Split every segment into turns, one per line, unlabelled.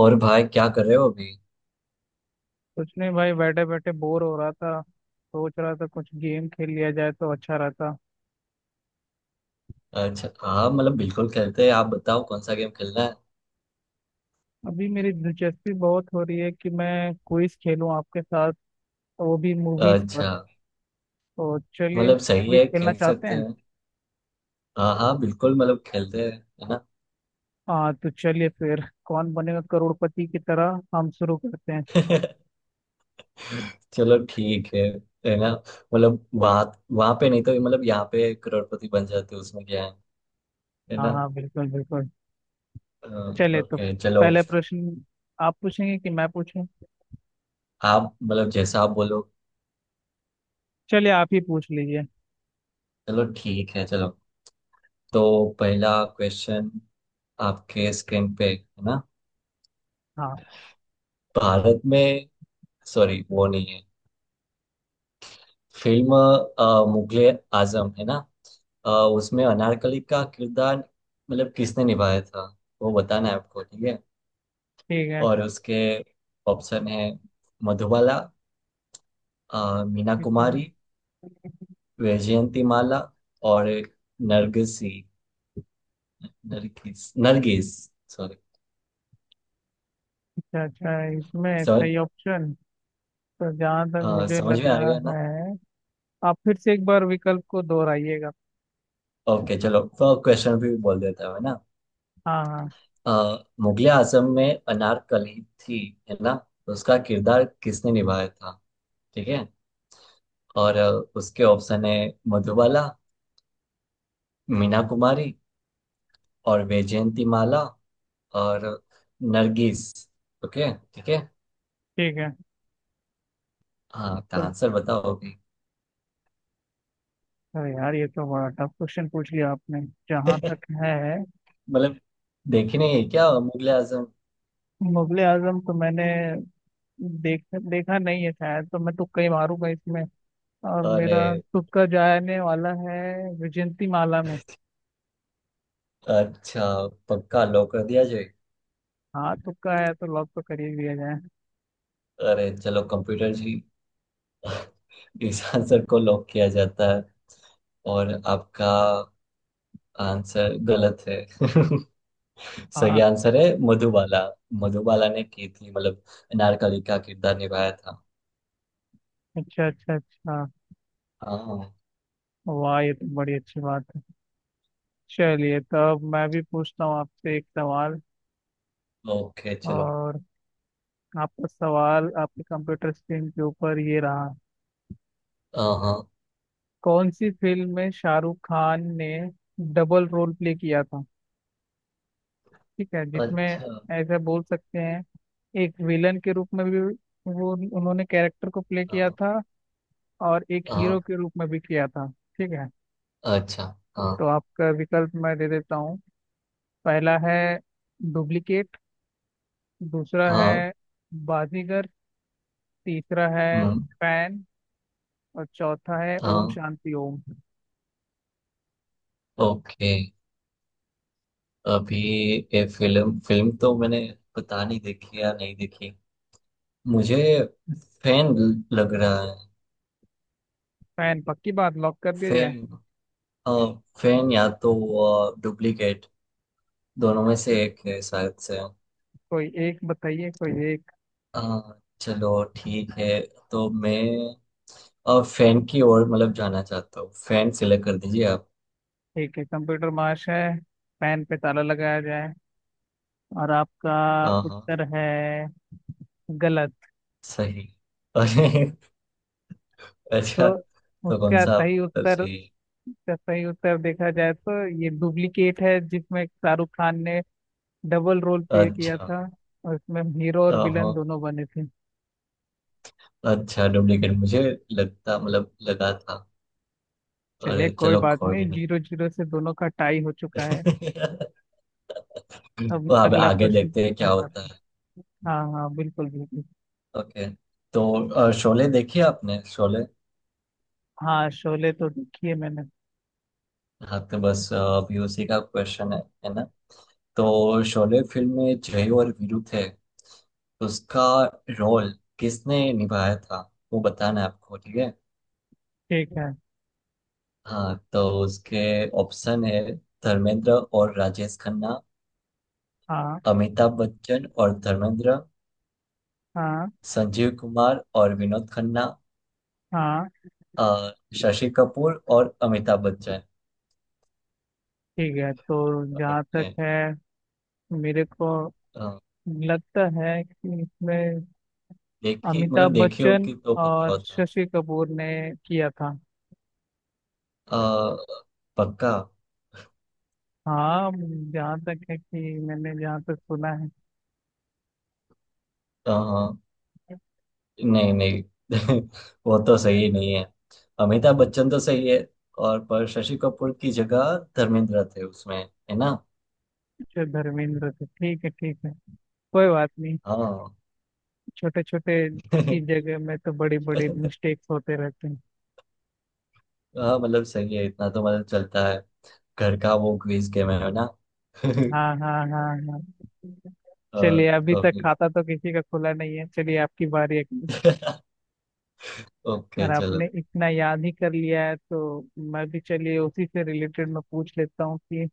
और भाई क्या कर रहे हो अभी।
कुछ नहीं भाई बैठे बैठे बोर हो रहा था, सोच रहा था कुछ गेम खेल लिया जाए तो अच्छा रहता।
अच्छा हाँ, मतलब बिल्कुल खेलते हैं। आप बताओ कौन सा गेम खेलना है।
अभी मेरी दिलचस्पी बहुत हो रही है कि मैं क्विज खेलूं आपके साथ, वो भी मूवीज
अच्छा,
पर। तो चलिए,
मतलब सही
क्विज
है,
खेलना
खेल
चाहते
सकते
हैं।
हैं। हाँ हाँ, बिल्कुल मतलब खेलते हैं, है ना।
हाँ, तो चलिए फिर कौन बनेगा करोड़पति की तरह हम शुरू करते हैं।
चलो ठीक है ना। मतलब वहाँ वहाँ पे नहीं तो मतलब यहाँ पे करोड़पति बन जाते, उसमें क्या है
हाँ
ना।
हाँ, बिल्कुल बिल्कुल।
अ,
चलिए तो
ओके चलो।
पहला प्रश्न, आप पूछेंगे कि मैं पूछूं।
आप मतलब जैसा आप बोलो।
चलिए आप ही पूछ लीजिए।
चलो ठीक है, चलो। तो पहला क्वेश्चन आपके स्क्रीन पे है ना।
हाँ।
भारत में सॉरी वो नहीं है। फिल्म मुगले आजम है ना। उसमें अनारकली का किरदार मतलब किसने निभाया था, वो बताना है आपको, ठीक है।
ठीक है।
और उसके ऑप्शन है मधुबाला, मीना
ठीक है।
कुमारी, वैजयंती माला, और नरगिसी नरगिस नरगिस, सॉरी
अच्छा अच्छा, इसमें
सर।
सही ऑप्शन तो जहाँ तक मुझे
समझ में
लग
आ
रहा
गया ना।
है, आप फिर से एक बार विकल्प को दोहराइएगा।
ओके चलो, तो क्वेश्चन भी बोल देता हूँ, है ना।
हाँ हाँ।
मुगले आजम में अनारकली थी, है ना। तो उसका किरदार किसने निभाया था, ठीक है। और उसके ऑप्शन है मधुबाला, मीना कुमारी, और वैजयंती माला, और नरगिस। ओके ठीक है।
ठीक है।
हाँ तो
तो
आंसर बताओ अभी।
अरे यार, ये तो बड़ा टफ क्वेश्चन पूछ लिया आपने। जहाँ तक है,
मतलब देखने है क्या मुगले आजम।
मुगले आजम तो मैंने देख देखा नहीं है शायद। तो मैं तुक्का ही मारूंगा इसमें, और
अरे
मेरा तुक्का जाने वाला है विजयंती माला में।
अच्छा, पक्का लॉक कर दिया जाए।
हाँ, तुक्का है तो लॉक तो कर ही दिया जाए।
अरे चलो कंप्यूटर जी। इस आंसर को लॉक किया जाता है, और आपका आंसर गलत है। सही
हाँ।
आंसर है मधुबाला। मधुबाला ने की थी मतलब नारकली का किरदार निभाया था।
अच्छा अच्छा अच्छा,
हाँ,
वाह ये तो बड़ी अच्छी बात है। चलिए तब मैं भी पूछता हूँ आपसे एक सवाल,
ओके चलो।
और आपका सवाल आपके कंप्यूटर स्क्रीन के ऊपर ये रहा।
हाँ हाँ,
कौन सी फिल्म में शाहरुख खान ने डबल रोल प्ले किया था, ठीक है, जिसमें
अच्छा।
ऐसा बोल सकते हैं एक विलन के रूप में भी वो उन्होंने कैरेक्टर को प्ले किया
हाँ
था, और एक
हाँ,
हीरो के रूप में भी किया था। ठीक है,
अच्छा। हाँ
तो आपका विकल्प मैं दे देता हूँ। पहला है डुप्लीकेट। दूसरा
हाँ।
है बाजीगर। तीसरा है
हम्म,
फैन। और चौथा है ओम
हाँ,
शांति ओम।
ओके। अभी ये फिल्म फिल्म तो मैंने पता नहीं देखी या नहीं देखी, मुझे फैन लग रहा है।
फैन पक्की बात, लॉक कर दिया जाए।
फैन, हाँ, फैन या तो डुप्लीकेट, दोनों में से एक है शायद से।
कोई एक बताइए, कोई एक।
अ, चलो ठीक है, तो मैं और फैन की ओर मतलब जाना चाहता हूँ, फैन सिलेक्ट कर दीजिए आप।
ठीक है कंप्यूटर मार्श है, पेन पे ताला लगाया जाए। और आपका
हाँ हाँ,
उत्तर है गलत।
सही। अरे अच्छा,
तो
तो कौन
उसका
सा, आप
सही
तो
उत्तर,
सही।
उसका सही उत्तर देखा जाए तो ये डुप्लीकेट है जिसमें शाहरुख खान ने डबल रोल प्ले किया
अच्छा,
था। और इसमें हीरो और विलन
हाँ।
दोनों बने थे।
अच्छा डुप्लीकेट मुझे लगता मतलब लगा था।
चलिए
अरे
कोई
चलो
बात
कोई
नहीं,
नहीं।
जीरो जीरो से दोनों का टाई हो चुका है। अब
तो अब
अगला
आगे
प्रश्न
देखते हैं
मैं
क्या
करता
होता
हूँ।
है।
हाँ हाँ, बिल्कुल बिल्कुल।
ओके, तो शोले देखी आपने शोले।
हाँ, शोले तो देखी है मैंने।
हाँ तो बस अभी उसी का क्वेश्चन है ना। तो शोले फिल्म में जय और वीरू थे, उसका रोल किसने निभाया था, वो बताना है आपको, ठीक है।
ठीक है।
हाँ तो उसके ऑप्शन है धर्मेंद्र और राजेश खन्ना,
हाँ।
अमिताभ बच्चन और धर्मेंद्र,
हाँ।
संजीव कुमार और विनोद खन्ना,
हाँ।
अ, शशि कपूर और अमिताभ बच्चन।
ठीक है, तो जहाँ
ओके।
तक है मेरे को
अ,
लगता है कि इसमें
देखी मतलब
अमिताभ
देखी
बच्चन
होगी तो पता
और
होता।
शशि कपूर ने किया था।
अ, पक्का।
हाँ, जहाँ तक है कि मैंने, जहाँ तक सुना है।
अ, नहीं नहीं, वो तो सही नहीं है। अमिताभ बच्चन तो सही है, और पर शशि कपूर की जगह धर्मेंद्र थे उसमें, है ना।
जो धर्मेंद्र थे, ठीक है ठीक है, कोई बात नहीं।
हाँ।
छोटे छोटे चीज जगह में तो बड़ी बड़ी मिस्टेक्स होते रहते हैं।
हाँ मतलब सही है, इतना तो मतलब चलता है। घर का वो क्विज गेम है ना। अ,
हाँ हाँ हाँ हाँ। चलिए अभी
तो
तक
फिर।
खाता तो किसी का खुला नहीं है। चलिए आपकी बारी है।
ओके
और
चलो।
आपने इतना याद ही कर लिया है, तो मैं भी चलिए उसी से रिलेटेड मैं पूछ लेता हूँ कि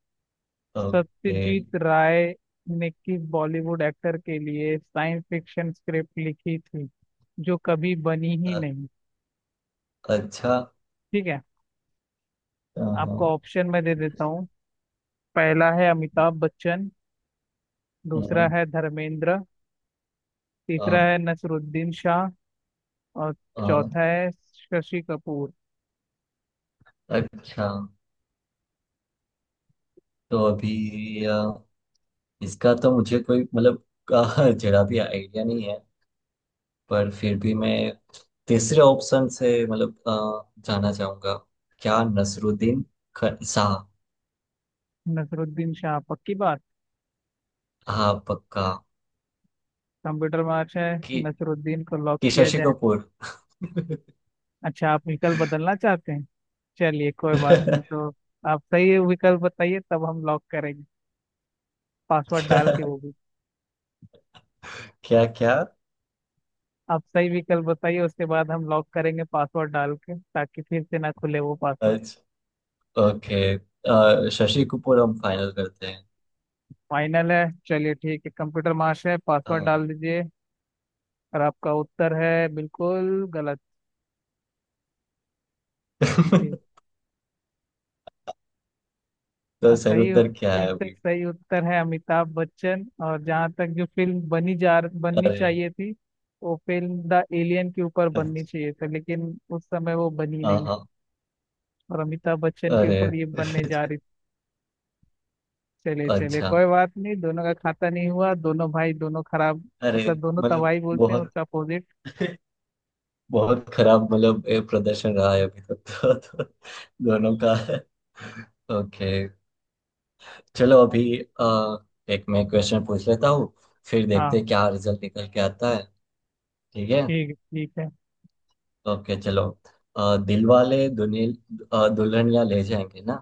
ओके
सत्यजीत राय ने किस बॉलीवुड एक्टर के लिए साइंस फिक्शन स्क्रिप्ट लिखी थी जो कभी बनी ही
अ-
नहीं।
अच्छा।
ठीक है।
अ, हम्म,
आपको ऑप्शन मैं दे देता हूँ। पहला है अमिताभ बच्चन। दूसरा है धर्मेंद्र। तीसरा
अ,
है नसरुद्दीन शाह। और
अ,
चौथा है शशि कपूर।
अच्छा तो अभी इसका तो मुझे कोई मतलब जरा भी आइडिया नहीं है। पर फिर भी मैं तीसरे ऑप्शन से मतलब जाना चाहूंगा, क्या नसरुद्दीन शाह।
नसरुद्दीन शाह पक्की बात।
हाँ पक्का।
कंप्यूटर मार्च है,
कि,
नसरुद्दीन को लॉक
कि
किया।
शशि कपूर।
अच्छा, आप विकल्प बदलना चाहते हैं। चलिए कोई बात नहीं,
क्या
तो आप सही विकल्प बताइए तब हम लॉक करेंगे, पासवर्ड डाल के वो भी।
क्या क्या
आप सही विकल्प बताइए, उसके बाद हम लॉक करेंगे पासवर्ड डाल के ताकि फिर से ना खुले वो पासवर्ड।
अच्छा ओके, शशि कपूर हम फाइनल करते हैं।
फाइनल है, चलिए ठीक है, कंप्यूटर महाशय पासवर्ड
हाँ।
डाल दीजिए। और आपका उत्तर है बिल्कुल गलत। जी,
तो
आ,
सही
सही
उत्तर
उत-
क्या है
इसका
अभी।
सही उत्तर है अमिताभ बच्चन, और जहाँ तक जो फिल्म बनी, जा बननी
अरे
चाहिए थी, वो फिल्म द एलियन के ऊपर बननी
अच्छा,
चाहिए था लेकिन उस समय वो बनी
हाँ
नहीं,
हाँ।
और अमिताभ बच्चन के ऊपर
अरे।
ये बनने जा रही थी। चले चले,
अच्छा।
कोई बात नहीं, दोनों का खाता नहीं हुआ। दोनों भाई दोनों खराब,
अरे
मतलब दोनों
मतलब
तबाही बोलते हैं
बहुत।
उसका अपोजिट।
बहुत खराब मतलब ये प्रदर्शन रहा है अभी तक। तो दोनों का ओके चलो अभी एक मैं क्वेश्चन पूछ लेता हूँ, फिर देखते
हाँ।
हैं क्या रिजल्ट निकल के आता है। ठीक है।
ठीक है ठीक है।
ओके चलो, दिलवाले दुनिया दुल्हनिया ले जाएंगे ना,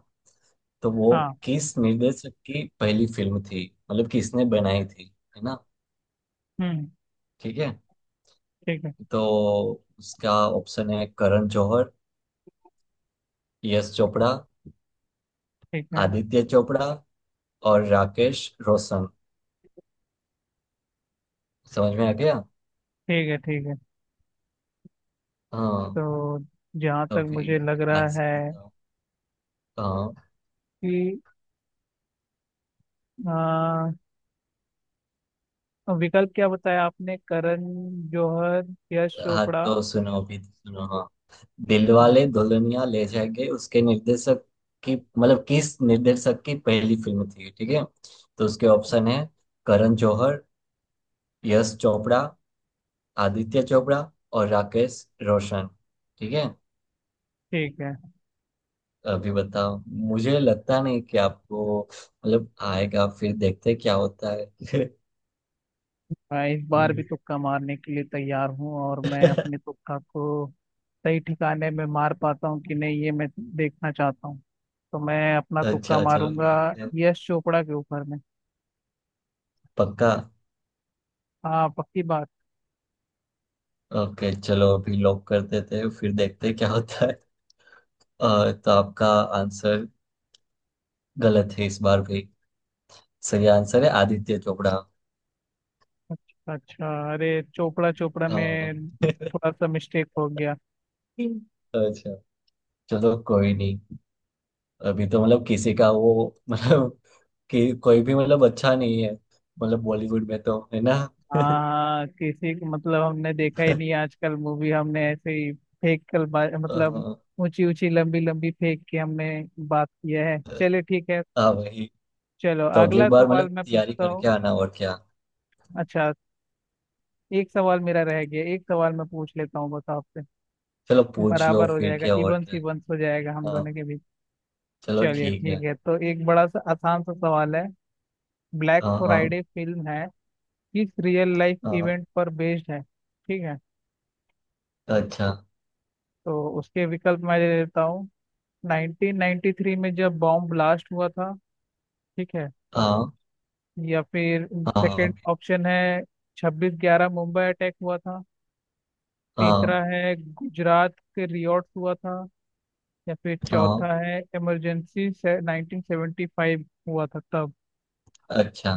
तो वो
हाँ।
किस निर्देशक की पहली फिल्म थी, मतलब किसने बनाई थी, है ना,
हम्म।
ठीक है।
ठीक है
तो उसका ऑप्शन है करण जौहर, यश चोपड़ा,
ठीक है।
आदित्य चोपड़ा, और राकेश रोशन। समझ में आ गया।
ठीक है ठीक है।
हाँ
तो जहाँ तक
तभी
मुझे लग रहा
आंसर
है
बताओ। हाँ
कि, और विकल्प क्या बताया आपने? करण जौहर, यश
हाँ
चोपड़ा।
तो सुनो अभी तो सुनो, हाँ।
हाँ।
दिलवाले दुल्हनिया ले जाएंगे उसके निर्देशक की मतलब किस निर्देशक की पहली फिल्म थी, ठीक है। तो उसके ऑप्शन है करण जौहर, यश चोपड़ा, आदित्य चोपड़ा और राकेश रोशन, ठीक है।
ठीक है।
अभी बताओ, मुझे लगता नहीं कि आपको मतलब आएगा, फिर देखते हैं क्या होता है।
मैं इस बार भी तुक्का मारने के लिए तैयार हूँ, और मैं अपने तुक्का को सही ठिकाने में मार पाता हूँ कि नहीं ये मैं देखना चाहता हूँ। तो मैं अपना तुक्का
अच्छा चलो,
मारूंगा यश चोपड़ा के ऊपर में।
पक्का।
हाँ पक्की बात।
ओके चलो अभी लॉक कर देते हैं, फिर देखते हैं क्या होता है। तो आपका आंसर गलत है इस बार भी। सही आंसर है आदित्य चोपड़ा।
अच्छा अच्छा, अरे चोपड़ा चोपड़ा
हाँ।
में थोड़ा सा मिस्टेक हो गया।
अच्छा चलो कोई नहीं। अभी तो मतलब किसी का वो मतलब कि कोई भी मतलब अच्छा नहीं है मतलब बॉलीवुड में तो, है ना।
हाँ हाँ, किसी को मतलब हमने देखा ही नहीं आजकल मूवी, हमने ऐसे ही फेंक कर मतलब
हाँ,
ऊंची ऊंची लंबी लंबी फेंक के हमने बात किया है। चलिए ठीक है।
हाँ वही।
चलो
तो अगली
अगला
बार मतलब
सवाल मैं
तैयारी
पूछता हूँ।
करके आना, और क्या।
अच्छा, एक सवाल मेरा रह गया, एक सवाल मैं पूछ लेता हूँ बस आपसे।
चलो पूछ लो
बराबर हो
फिर,
जाएगा,
क्या और
इवन
क्या।
सीवंस हो जाएगा हम
हाँ
दोनों के बीच।
चलो
चलिए
ठीक है।
ठीक है, तो एक बड़ा सा आसान सा सवाल है। ब्लैक
हाँ हाँ
फ्राइडे फिल्म है, किस रियल लाइफ
हाँ।
इवेंट पर बेस्ड है? ठीक है,
अच्छा।
तो उसके विकल्प मैं दे देता हूँ। 1993 में जब बॉम्ब ब्लास्ट हुआ था, ठीक है,
हाँ
या फिर सेकंड
हाँ
ऑप्शन है 26/11 मुंबई अटैक हुआ था।
हाँ
तीसरा है गुजरात के रियॉट हुआ था। या फिर
हाँ।
चौथा है इमरजेंसी से 1975 हुआ था तब।
अच्छा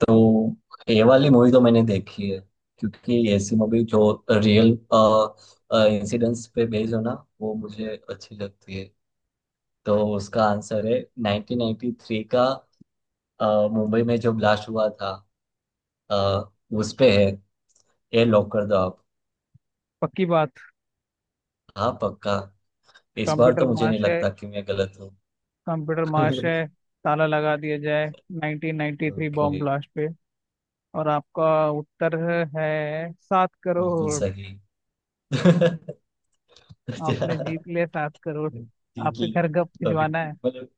तो ये वाली मूवी तो मैंने देखी है, क्योंकि ऐसी मूवी जो रियल इंसिडेंट्स पे बेस्ड हो ना, वो मुझे अच्छी लगती है। तो उसका आंसर है 1993 का, मुंबई में जो ब्लास्ट हुआ था, अ, उस पे है। ये लॉक कर दो आप।
पक्की बात।
हाँ पक्का, इस बार
कंप्यूटर
तो मुझे नहीं
मार्श है,
लगता कि मैं गलत हूँ।
कंप्यूटर मार्श है, ताला लगा दिया जाए 1993 बॉम्ब
ओके।
ब्लास्ट पे। और आपका उत्तर है सात
बिल्कुल
करोड़
सही।
आपने
अच्छा।
जीत लिया 7 करोड़।
जी जी।
आपके घर गप
अभी
भिजवाना है।
मतलब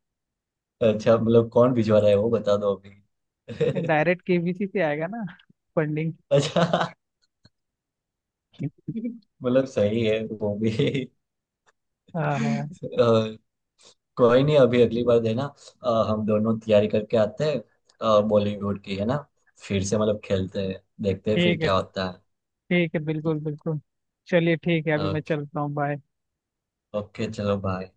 अच्छा, मतलब कौन भिजवा रहा है वो बता दो अभी।
डायरेक्ट केबीसी से आएगा ना फंडिंग।
अच्छा मतलब सही है वो भी।
हाँ हाँ।
अ, कोई नहीं, अभी अगली बार देना। हम दोनों तैयारी करके आते हैं, बॉलीवुड की है ना, फिर से मतलब खेलते हैं, देखते हैं फिर
ठीक है
क्या होता है।
ठीक है, बिल्कुल बिल्कुल। चलिए ठीक है, अभी मैं
ओके।
चलता हूँ। बाय।
ओके चलो बाय।